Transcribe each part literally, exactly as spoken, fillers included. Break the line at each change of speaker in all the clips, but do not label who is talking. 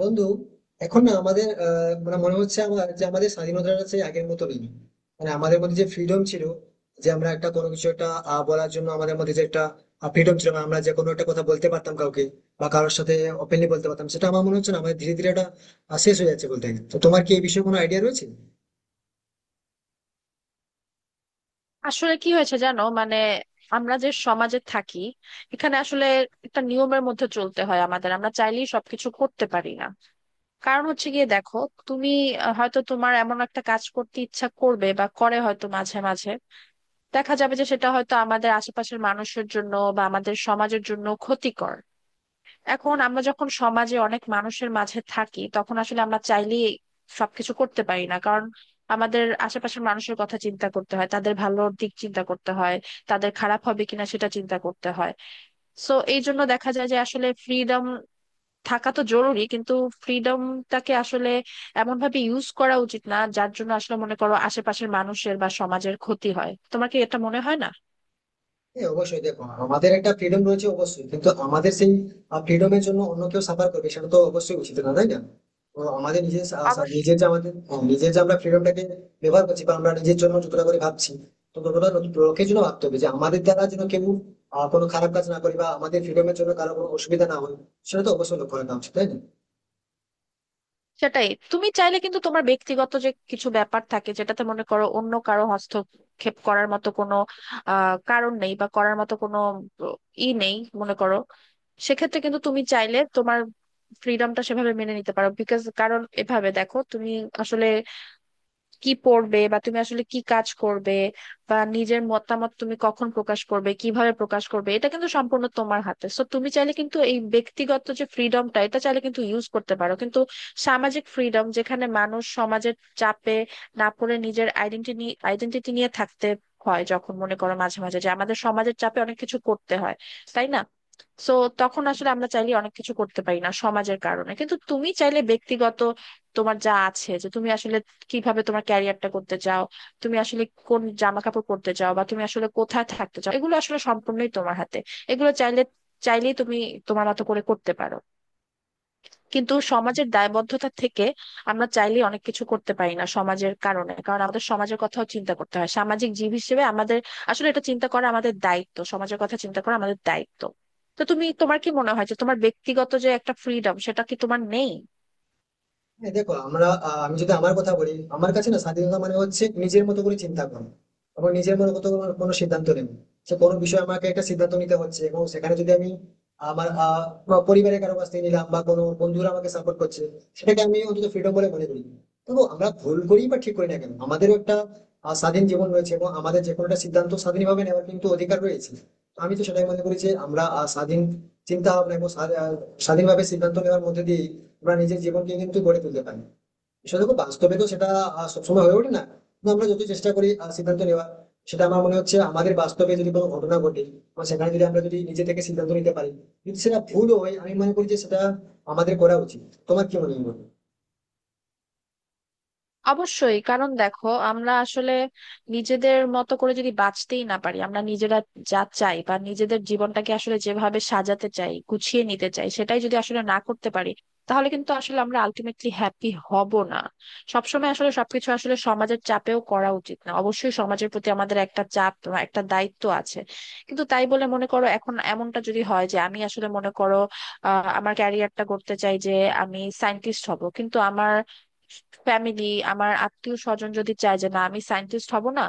বন্ধু, এখন না আমাদের আহ, মানে মনে হচ্ছে আমার যে আমাদের স্বাধীনতাটা সেই আগের মতো নেই। মানে আমাদের মধ্যে যে ফ্রিডম ছিল, যে আমরা একটা কোনো কিছু একটা আহ, বলার জন্য আমাদের মধ্যে যে একটা ফ্রিডম ছিল, মানে আমরা যে কোনো একটা কথা বলতে পারতাম কাউকে বা কারোর সাথে ওপেনলি বলতে পারতাম, সেটা আমার মনে হচ্ছে না। আমাদের ধীরে ধীরে এটা আহ, শেষ হয়ে যাচ্ছে বলতে গেলে। তো তোমার কি এই বিষয়ে কোনো আইডিয়া রয়েছে?
আসলে কি হয়েছে জানো? মানে আমরা যে সমাজে থাকি এখানে আসলে একটা নিয়মের মধ্যে চলতে হয় আমাদের, আমরা চাইলেই সবকিছু করতে পারি না। কারণ হচ্ছে গিয়ে দেখো, তুমি আহ, হয়তো তোমার এমন একটা কাজ করতে ইচ্ছা করবে বা করে হয়তো, মাঝে মাঝে দেখা যাবে যে সেটা হয়তো আমাদের আশেপাশের মানুষের জন্য বা আমাদের সমাজের জন্য ক্ষতিকর। এখন আমরা যখন সমাজে অনেক মানুষের মাঝে থাকি তখন আসলে আমরা চাইলেই সবকিছু করতে পারি না, কারণ আমাদের আশেপাশের মানুষের কথা চিন্তা করতে হয়, তাদের ভালো দিক চিন্তা করতে হয়, তাদের খারাপ হবে কিনা সেটা চিন্তা করতে হয়। সো এই জন্য দেখা যায় যে আসলে ফ্রিডম থাকা তো জরুরি, কিন্তু ফ্রিডমটাকে আসলে এমন ভাবে ইউজ করা উচিত না যার জন্য আসলে, মনে করো, আশেপাশের মানুষের বা সমাজের ক্ষতি হয়। তোমার কি এটা মনে হয় না?
হ্যাঁ, অবশ্যই। দেখো, আমাদের একটা ফ্রিডম রয়েছে অবশ্যই, কিন্তু আমাদের সেই ফ্রিডমের জন্য অন্য কেউ সাফার করবে সেটা তো অবশ্যই উচিত না, তাই না? তো আমাদের নিজের সা- সা-
অবশ্যই।
নিজের যে আমাদের হ্যাঁ, নিজের যে আমরা ফ্রিডমটাকে ব্যবহার করছি বা আমরা নিজের জন্য যতটা করে ভাবছি, তো ততটা লোক- লোকের জন্য ভাবতে হবে, যে আমাদের দ্বারা যেন কেউ আহ, কোনো খারাপ কাজ না করি বা আমাদের ফ্রিডমের জন্য কারো কোনো অসুবিধা না হয়। সেটা তো অবশ্যই লক্ষ্য রাখা উচিত, তাই না?
সেটাই, তুমি চাইলে কিন্তু তোমার ব্যক্তিগত যে কিছু ব্যাপার থাকে যেটাতে মনে করো অন্য কারো হস্তক্ষেপ করার মতো কোনো আহ কারণ নেই বা করার মতো কোনো ই নেই, মনে করো, সেক্ষেত্রে কিন্তু তুমি চাইলে তোমার ফ্রিডমটা সেভাবে মেনে নিতে পারো। বিকজ কারণ এভাবে দেখো, তুমি আসলে কি পড়বে বা তুমি আসলে কি কাজ করবে বা নিজের মতামত তুমি কখন প্রকাশ করবে, কিভাবে প্রকাশ করবে, এটা কিন্তু সম্পূর্ণ তোমার হাতে। সো তুমি চাইলে কিন্তু এই ব্যক্তিগত যে ফ্রিডমটা, এটা চাইলে কিন্তু ইউজ করতে পারো। কিন্তু সামাজিক ফ্রিডম, যেখানে মানুষ সমাজের চাপে না পড়ে নিজের আইডেন্টিটি আইডেন্টিটি নিয়ে থাকতে হয়, যখন মনে করো মাঝে মাঝে যে আমাদের সমাজের চাপে অনেক কিছু করতে হয়, তাই না? সো তখন আসলে আমরা চাইলে অনেক কিছু করতে পারি না সমাজের কারণে। কিন্তু তুমি চাইলে ব্যক্তিগত তোমার যা আছে, যে তুমি আসলে কিভাবে তোমার ক্যারিয়ারটা করতে চাও, তুমি আসলে কোন জামা কাপড় পরতে চাও বা তুমি আসলে কোথায় থাকতে চাও, এগুলো আসলে সম্পূর্ণই তোমার হাতে। এগুলো চাইলে চাইলেই তুমি তোমার মতো করে করতে পারো। কিন্তু সমাজের দায়বদ্ধতা থেকে আমরা চাইলেই অনেক কিছু করতে পারি না সমাজের কারণে, কারণ আমাদের সমাজের কথাও চিন্তা করতে হয় সামাজিক জীব হিসেবে। আমাদের আসলে এটা চিন্তা করা আমাদের দায়িত্ব, সমাজের কথা চিন্তা করা আমাদের দায়িত্ব। তো তুমি, তোমার কি মনে হয় যে তোমার ব্যক্তিগত যে একটা ফ্রিডম, সেটা কি তোমার নেই?
হ্যাঁ, দেখো আমরা আহ, আমি যদি আমার কথা বলি, আমার কাছে না স্বাধীনতা মানে হচ্ছে নিজের মতো করে চিন্তা করা এবং নিজের মতো করে কোনো কোনো সিদ্ধান্ত নেব। সে কোনো বিষয়ে আমাকে একটা সিদ্ধান্ত নিতে হচ্ছে এবং সেখানে যদি আমি আমার আহ, বা পরিবারের কারো কাছ থেকে নিলাম, বা কোনো বন্ধুরা আমাকে সাপোর্ট করছে, সেটাকে আমি অন্তত ফ্রিডম বলে মনে করি। তবু আমরা ভুল করি বা ঠিক করি না কেন, আমাদেরও একটা আহ, স্বাধীন জীবন রয়েছে এবং আমাদের যে কোনো একটা সিদ্ধান্ত স্বাধীনভাবে নেওয়ার কিন্তু অধিকার রয়েছে। তো আমি তো সেটাই মনে করি যে আমরা আহ, স্বাধীন চিন্তা ভাবনা এবং স্বা- আহ, স্বাধীনভাবে সিদ্ধান্ত নেওয়ার মধ্যে দিয়ে আমরা নিজের জীবনকে কিন্তু গড়ে তুলতে পারি। সেটা দেখো, বাস্তবে তো সেটা আহ, সবসময় হয়ে ওঠে না, কিন্তু আমরা যত চেষ্টা করি আহ, সিদ্ধান্ত নেওয়া, সেটা আমার মনে হচ্ছে আমাদের বাস্তবে যদি কোনো ঘটনা ঘটে বা সেখানে যদি আমরা যদি নিজে থেকে সিদ্ধান্ত নিতে পারি, যদি সেটা ভুল হয়, আমি মনে করি যে সেটা আমাদের করা উচিত। তোমার কি মনে হয় বলো?
অবশ্যই, কারণ দেখো আমরা আসলে নিজেদের মতো করে যদি বাঁচতেই না পারি, আমরা নিজেরা যা চাই বা নিজেদের জীবনটাকে আসলে যেভাবে সাজাতে চাই, গুছিয়ে নিতে চাই, সেটাই যদি আসলে না করতে পারি, তাহলে কিন্তু আসলে আমরা আলটিমেটলি হ্যাপি হব না। সবসময় আসলে সবকিছু আসলে সমাজের চাপেও করা উচিত না। অবশ্যই সমাজের প্রতি আমাদের একটা চাপ বা একটা দায়িত্ব আছে, কিন্তু তাই বলে মনে করো এখন এমনটা যদি হয় যে আমি আসলে, মনে করো, আহ আমার ক্যারিয়ারটা করতে চাই যে আমি সায়েন্টিস্ট হব, কিন্তু আমার ফ্যামিলি, আমার আত্মীয় স্বজন যদি চায় যে না, আমি সায়েন্টিস্ট হব না,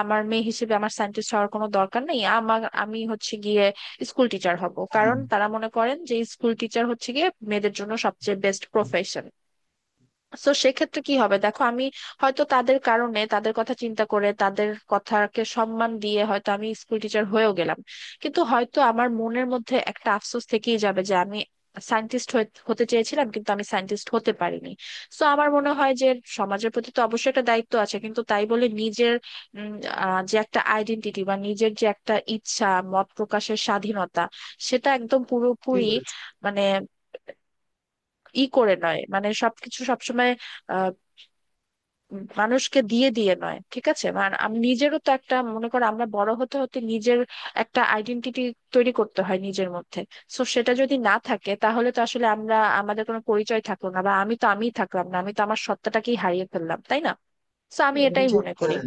আমার মেয়ে হিসেবে আমার সায়েন্টিস্ট হওয়ার কোনো দরকার নেই, আমার, আমি হচ্ছে গিয়ে স্কুল টিচার হব,
হ্যাঁ,
কারণ তারা মনে করেন যে স্কুল টিচার হচ্ছে গিয়ে মেয়েদের জন্য সবচেয়ে বেস্ট প্রফেশন। সো সেক্ষেত্রে কি হবে দেখো, আমি হয়তো তাদের কারণে, তাদের কথা চিন্তা করে, তাদের কথাকে সম্মান দিয়ে হয়তো আমি স্কুল টিচার হয়েও গেলাম, কিন্তু হয়তো আমার মনের মধ্যে একটা আফসোস থেকেই যাবে যে আমি সায়েন্টিস্ট হতে চেয়েছিলাম কিন্তু আমি সায়েন্টিস্ট হতে পারিনি। সো আমার মনে হয় যে সমাজের প্রতি তো অবশ্যই একটা দায়িত্ব আছে, কিন্তু তাই বলে নিজের উম, আহ, যে একটা আইডেন্টিটি বা নিজের যে একটা ইচ্ছা, মত প্রকাশের স্বাধীনতা, সেটা একদম
ঠিক
পুরোপুরি
বলেছো।
মানে ই করে নয়, মানে সবকিছু সবসময় মানুষকে দিয়ে দিয়ে নয়। ঠিক আছে, মানে আমি নিজেরও তো একটা, মনে করো আমরা বড় হতে হতে নিজের একটা আইডেন্টিটি তৈরি করতে হয় নিজের মধ্যে। সো সেটা যদি না থাকে তাহলে তো আসলে আমরা, আমাদের কোনো পরিচয় থাকলো না, বা আমি তো আমিই থাকলাম না, আমি তো আমার সত্তাটাকেই হারিয়ে ফেললাম, তাই না? তো আমি
হ্যাঁ, তুমি
এটাই
ঠিক,
মনে করি।
হ্যাঁ।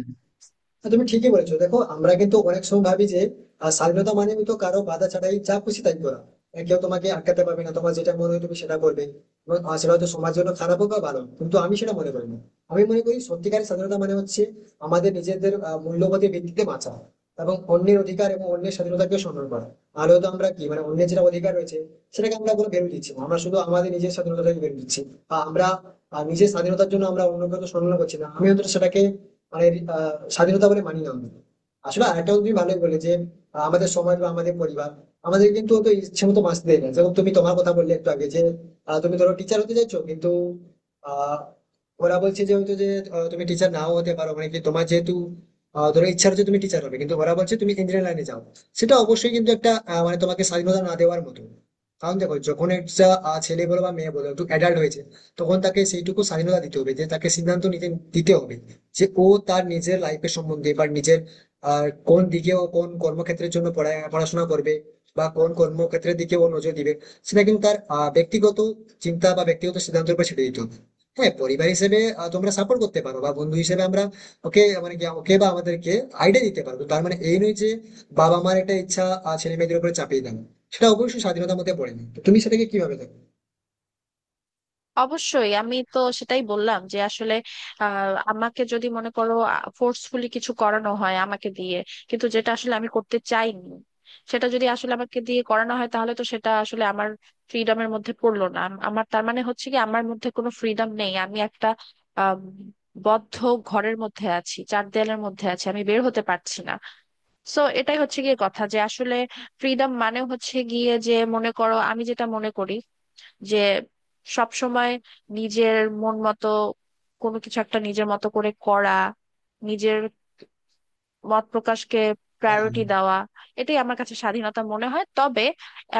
হ্যাঁ, তুমি ঠিকই বলেছো। দেখো আমরা কিন্তু অনেক সময় ভাবি যে আহ, স্বাধীনতা মানে তো কারো বাধা ছাড়াই যা খুশি তাই করা, আহ, কেউ তোমাকে আটকাতে পারবে না, তোমার যেটা মনে হয় তুমি সেটা করবে এবং, আহ, সেটা হয়তো সমাজের জন্য খারাপ হোক বা ভালো হোক, কিন্তু আমি সেটা মনে করি না। আমি মনে করি সত্যিকারের স্বাধীনতা মানে হচ্ছে আমাদের নিজেদের আহ, মূল্যবোধের ভিত্তিতে বাঁচা এবং অন্যের অধিকার এবং অন্যের স্বাধীনতাকে সম্মান করা। আর হয়তো আমরা কি মানে অন্যের যেটা অধিকার রয়েছে সেটাকে আমরা কোনো ভ্যালু দিচ্ছি না। আমরা শুধু আমাদের নিজের স্বাধীনতাকে ভ্যালু দিচ্ছি বা আমরা আহ, নিজের স্বাধীনতার জন্য আমরা অন্যকে তো সম্মান করছি না। আমি অন্তত সেটাকে মানে আহ, স্বাধীনতা বলে মানি না আমরা। আসলে আরেকটা তুমি ভালোই বলে যে আহ, আমাদের সমাজ বা আমাদের পরিবার আমাদের কিন্তু অত ইচ্ছে মতো বাঁচতে দেয় না। যেমন তুমি তোমার কথা বললে একটু আগে যে আহ, তুমি ধরো টিচার হতে চাইছো, কিন্তু আহ ওরা বলছে যে হয়তো যে আহ, তুমি টিচার নাও হতে পারো, মানে কি তোমার যেহেতু আহ, ধরো ইচ্ছা হচ্ছে তুমি টিচার হবে কিন্তু ওরা বলছে তুমি ইঞ্জিনিয়ার লাইনে যাও। সেটা অবশ্যই কিন্তু একটা আহ, মানে তোমাকে স্বাধীনতা না দেওয়ার মতো। কারণ দেখো, যখন একটা আহ, ছেলে বলো বা মেয়ে বলো একটু অ্যাডাল্ট হয়েছে, তখন তাকে সেইটুকু স্বাধীনতা দিতে হবে যে তাকে সিদ্ধান্ত নিতে দিতে হবে, যে ও তার নিজের লাইফের সম্বন্ধে বা নিজের আহ কোন দিকে ও কোন কর্মক্ষেত্রের জন্য পড়া- পড়াশোনা করবে বা কোন কর্মক্ষেত্রের দিকে ও নজর দিবে, সেটা কিন্তু তার আহ, ব্যক্তিগত চিন্তা বা ব্যক্তিগত সিদ্ধান্তের উপর ছেড়ে দিতে হবে। হ্যাঁ, পরিবার হিসেবে আহ, তোমরা সাপোর্ট করতে পারো বা বন্ধু হিসেবে আমরা ওকে মানে কি ওকে বা আমাদেরকে আইডিয়া দিতে পারবো, তার মানে এই নয় যে বাবা মার একটা ইচ্ছা আহ, ছেলে মেয়েদের উপরে চাপিয়ে দেন। সেটা অবশ্যই স্বাধীনতার মধ্যে পড়ে না। তো তুমি সেটাকে কিভাবে দেখো?
অবশ্যই, আমি তো সেটাই বললাম যে আসলে আহ, আমাকে যদি, মনে করো, ফোর্সফুলি কিছু করানো হয় আমাকে দিয়ে, কিন্তু যেটা আসলে আমি করতে চাইনি, সেটা যদি আসলে আমাকে দিয়ে করানো হয়, তাহলে তো সেটা আসলে আমার ফ্রিডমের মধ্যে পড়লো না। আম- আমার তার মানে হচ্ছে কি, আমার মধ্যে কোনো ফ্রিডম নেই, আমি একটা আম, বদ্ধ ঘরের মধ্যে আছি, চার দেয়ালের মধ্যে আছি, আমি বের হতে পারছি না। সো এটাই হচ্ছে গিয়ে কথা, যে আসলে ফ্রিডম মানে হচ্ছে গিয়ে যে, মনে করো, আমি যেটা মনে করি যে সব সময় নিজের মন মতো কোনো কিছু একটা নিজের মতো করে করা, নিজের মত প্রকাশকে
হ্যাঁ।
প্রায়োরিটি দেওয়া, এটাই আমার কাছে স্বাধীনতা মনে হয়। তবে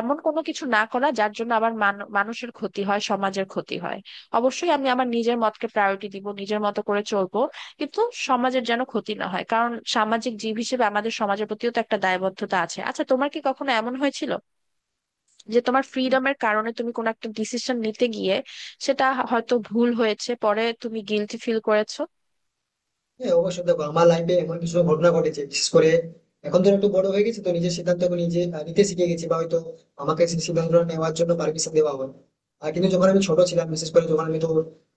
এমন কোনো কিছু না করা যার জন্য আবার মান- মানুষের ক্ষতি হয়, সমাজের ক্ষতি হয়। অবশ্যই আমি আমার নিজের মতকে প্রায়োরিটি দিব, নিজের মতো করে চলবো, কিন্তু সমাজের যেন ক্ষতি না হয়, কারণ সামাজিক জীব হিসেবে আমাদের সমাজের প্রতিও তো একটা দায়বদ্ধতা আছে। আচ্ছা, তোমার কি কখনো এমন হয়েছিল যে তোমার ফ্রিডমের কারণে তুমি কোনো একটা ডিসিশন নিতে গিয়ে, সেটা হয়তো ভুল হয়েছে, পরে তুমি গিলটি ফিল করেছো?
হ্যাঁ, অবশ্যই। দেখো, আমার লাইফে এমন কিছু ঘটনা ঘটেছে বিশেষ করে। এখন তো একটু বড় হয়ে গেছি, তো নিজের সিদ্ধান্তকে নিজে আহ, নিতে শিখে গেছি বা হয়তো আমাকে সেই সিদ্ধান্ত নেওয়ার জন্য পারমিশন দেওয়া হয়। আর কিন্তু যখন আমি ছোট ছিলাম, বিশেষ করে যখন আমি তো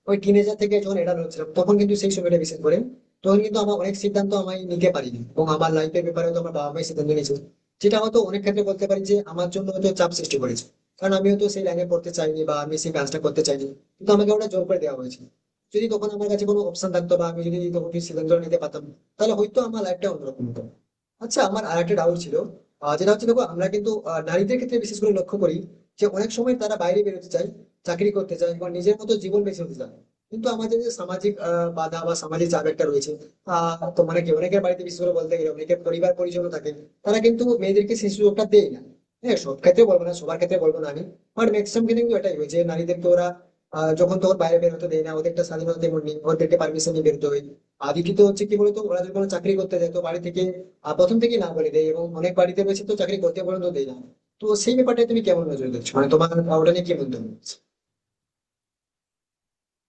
ওই টিনেজার থেকে যখন এডাল হচ্ছিলাম, তখন কিন্তু সেই সময়টা বিশেষ করে তখন কিন্তু আমার অনেক সিদ্ধান্ত আমি নিতে পারিনি এবং আমার লাইফের ব্যাপারে হয়তো আমার বাবা মাই সিদ্ধান্ত নিয়েছে, যেটা হয়তো অনেক ক্ষেত্রে বলতে পারি যে আমার জন্য হয়তো চাপ সৃষ্টি করেছে। কারণ আমি হয়তো সেই লাইনে পড়তে চাইনি বা আমি সেই কাজটা করতে চাইনি, কিন্তু আমাকে ওটা জোর করে দেওয়া হয়েছে। যদি তখন আমার কাছে কোনো অপশন থাকতো বা আমি যদি তখন কিছু সিদ্ধান্ত নিতে পারতাম, তাহলে হয়তো আমার লাইফটা অন্যরকম হতো। আচ্ছা, আমার আর একটা ডাউট ছিল, আহ, যেটা হচ্ছে দেখো আমরা কিন্তু আহ, নারীদের ক্ষেত্রে বিশেষ করে লক্ষ্য করি যে অনেক সময় তারা বাইরে বেরোতে চায়, চাকরি করতে চায় বা নিজের মতো জীবন বেছে নিতে চায়, কিন্তু আমাদের যে সামাজিক আহ, বাধা বা সামাজিক চাপ একটা রয়েছে। আহ তো মানে কি অনেকের বাড়িতে বিশেষ করে বলতে গেলে অনেকের পরিবার পরিজন থাকে, তারা কিন্তু মেয়েদেরকে সেই সুযোগটা দেয় না। হ্যাঁ, সব ক্ষেত্রে বলবো না, সবার ক্ষেত্রে বলবো না আমি, বাট ম্যাক্সিমাম কিন্তু এটাই হয় যে নারীদেরকে ওরা আহ যখন তখন বাইরে বের হতে দেয় না, ওদের একটা স্বাধীনতা তেমন নেই, ওদেরকে পারমিশন নিয়ে বেরোতে হয়। আর দ্বিতীয়ত হচ্ছে কি বলতো, ওরা যদি কোনো চাকরি করতে যায় তো বাড়ি থেকে আহ, প্রথম থেকে না বলে দেয় এবং অনেক বাড়িতে রয়েছে তো চাকরি করতে পর্যন্ত দেয় না। তো সেই ব্যাপারটা তুমি কেমন নজর দিচ্ছ, মানে তোমার ওটা নিয়ে কি বলতে হবে?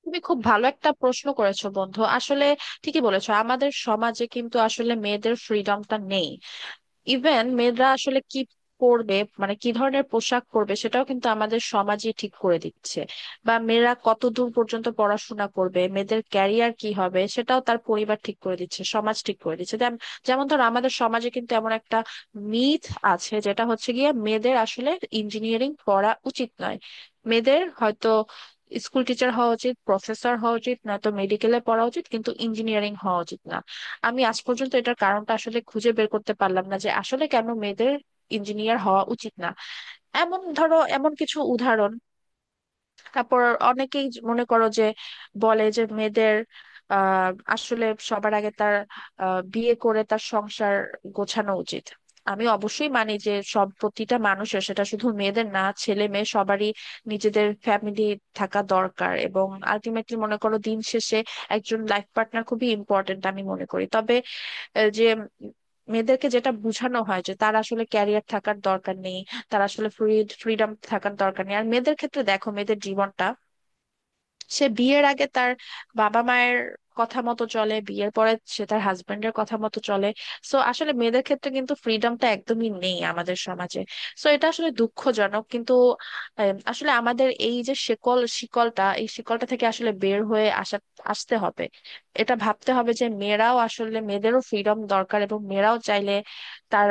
তুমি খুব ভালো একটা প্রশ্ন করেছো বন্ধু। আসলে ঠিকই বলেছো, আমাদের সমাজে কিন্তু আসলে মেয়েদের ফ্রিডমটা নেই। ইভেন মেয়েরা আসলে কি পরবে, মানে কি ধরনের পোশাক পরবে, সেটাও কিন্তু আমাদের সমাজই ঠিক করে দিচ্ছে, বা মেয়েরা কতদূর পর্যন্ত পড়াশোনা করবে, মেয়েদের ক্যারিয়ার কি হবে, সেটাও তার পরিবার ঠিক করে দিচ্ছে, সমাজ ঠিক করে দিচ্ছে। যেম- যেমন ধর আমাদের সমাজে কিন্তু এমন একটা মিথ আছে যেটা হচ্ছে গিয়ে মেয়েদের আসলে ইঞ্জিনিয়ারিং পড়া উচিত নয়, মেয়েদের হয়তো স্কুল টিচার হওয়া উচিত, প্রফেসর হওয়া উচিত, নয়তো মেডিকেলে পড়া উচিত, কিন্তু ইঞ্জিনিয়ারিং হওয়া উচিত না। আমি আজ পর্যন্ত এটার কারণটা আসলে খুঁজে বের করতে পারলাম না যে আসলে কেন মেয়েদের ইঞ্জিনিয়ার হওয়া উচিত না। এমন ধরো এমন কিছু উদাহরণ। তারপর অনেকেই জ- মনে করো যে বলে যে মেয়েদের আহ আসলে সবার আগে তার আহ, বিয়ে করে তার সংসার গোছানো উচিত। আমি অবশ্যই মানি যে সব, প্রতিটা মানুষের, সেটা শুধু মেয়েদের না, ছেলে মেয়ে সবারই নিজেদের ফ্যামিলি থাকা দরকার, এবং আলটিমেটলি, মনে করো, দিন শেষে একজন লাইফ পার্টনার খুবই ইম্পর্টেন্ট আমি মনে করি। তবে আহ, যে মেয়েদেরকে যেটা বোঝানো হয় যে তার আসলে ক্যারিয়ার থাকার দরকার নেই, তার আসলে ফ্রি ফ্রিডম থাকার দরকার নেই। আর মেয়েদের ক্ষেত্রে দেখো, মেয়েদের জীবনটা সে বিয়ের আগে তার বাবা মায়ের কথা মতো চলে, বিয়ের পরে সে তার হাজবেন্ডের কথা মতো চলে। সো আসলে মেয়েদের ক্ষেত্রে কিন্তু ফ্রিডমটা একদমই নেই আমাদের সমাজে। সো এটা আসলে দুঃখজনক। কিন্তু আম, আসলে আমাদের এই যে শিকল, শিকলটা এই শিকলটা থেকে আসলে বের হয়ে আসা আসতে হবে। এটা ভাবতে হবে যে মেয়েরাও আসলে, মেয়েদেরও ফ্রিডম দরকার, এবং মেয়েরাও চাইলে তার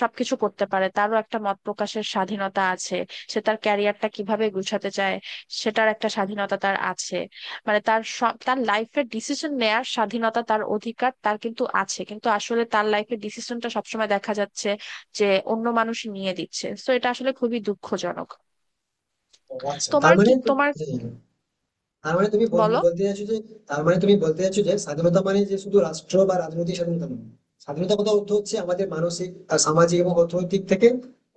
সবকিছু করতে পারে, তারও একটা মত প্রকাশের স্বাধীনতা আছে। সে তার ক্যারিয়ারটা কিভাবে গুছাতে চায়, সেটার একটা স্বাধীনতা তার আছে। মানে তার সব, তার লাইফের ডিসিশন নেয়ার স্বাধীনতা, তার অধিকার তার কিন্তু আছে, কিন্তু আসলে তার লাইফের ডিসিশনটা সবসময় দেখা যাচ্ছে যে অন্য মানুষ নিয়ে দিচ্ছে। তো এটা আসলে খুবই দুঃখজনক।
আচ্ছা, তার
তোমার
মানে
কি,
তো-
তোমার,
হ্যাঁ। তার মানে তুমি বলতে
বলো।
বলতে চাইছো যে তার মানে তুমি বলতে চাইছো যে স্বাধীনতা মানে যে শুধু রাষ্ট্র বা রাজনৈতিক স্বাধীনতা নয়, স্বাধীনতা কথা অর্থ হচ্ছে আমাদের মানসিক আর সামাজিক এবং অর্থনৈতিক থেকে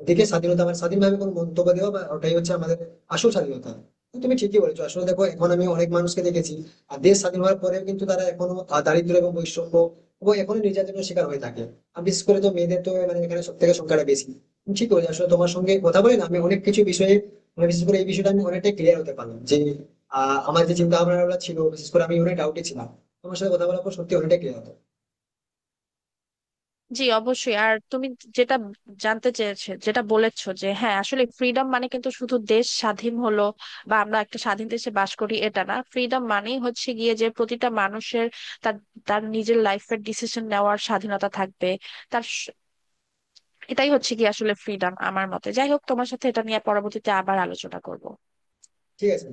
দিকে স্বাধীনতা মানে স্বাধীনভাবে কোনো মন্তব্য দেওয়া, বা ওটাই হচ্ছে আমাদের আসল স্বাধীনতা। তো তুমি ঠিকই বলেছো। আসলে দেখো, এখন আমি অনেক মানুষকে দেখেছি আর দেশ স্বাধীন হওয়ার পরেও কিন্তু তারা এখনো আহ, দারিদ্র এবং বৈষম্য এবং এখনো নির্যাতনের শিকার হয়ে থাকে। আর বিশেষ করে তো মেয়েদের তো মানে এখানে সব থেকে সংখ্যাটা বেশি। তুমি ঠিক বলেছো, আসলে তোমার সঙ্গে কথা বলে না আমি অনেক কিছু বিষয়ে মানে বিশেষ করে এই বিষয়টা আমি অনেকটাই ক্লিয়ার হতে পারলাম। যে আহ আমার যে চিন্তা ভাবনা ছিল, বিশেষ করে আমি অনেক ডাউটে ছিলাম, তোমার সাথে কথা বলার পর সত্যি অনেকটা ক্লিয়ার হতো।
জি অবশ্যই। আর তুমি যেটা জানতে চেয়েছো, যেটা বলেছো যে হ্যাঁ আসলে ফ্রিডম মানে কিন্তু শুধু দেশ স্বাধীন হলো বা আমরা একটা স্বাধীন দেশে বাস করি, এটা না। ফ্রিডম মানেই হচ্ছে গিয়ে যে প্রতিটা মানুষের তার, তার নিজের লাইফের ডিসিশন নেওয়ার স্বাধীনতা থাকবে। তার স- এটাই হচ্ছে কি আসলে ফ্রিডম আমার মতে। যাই হোক, তোমার সাথে এটা নিয়ে পরবর্তীতে আবার আলোচনা করব।
ঠিক আছে।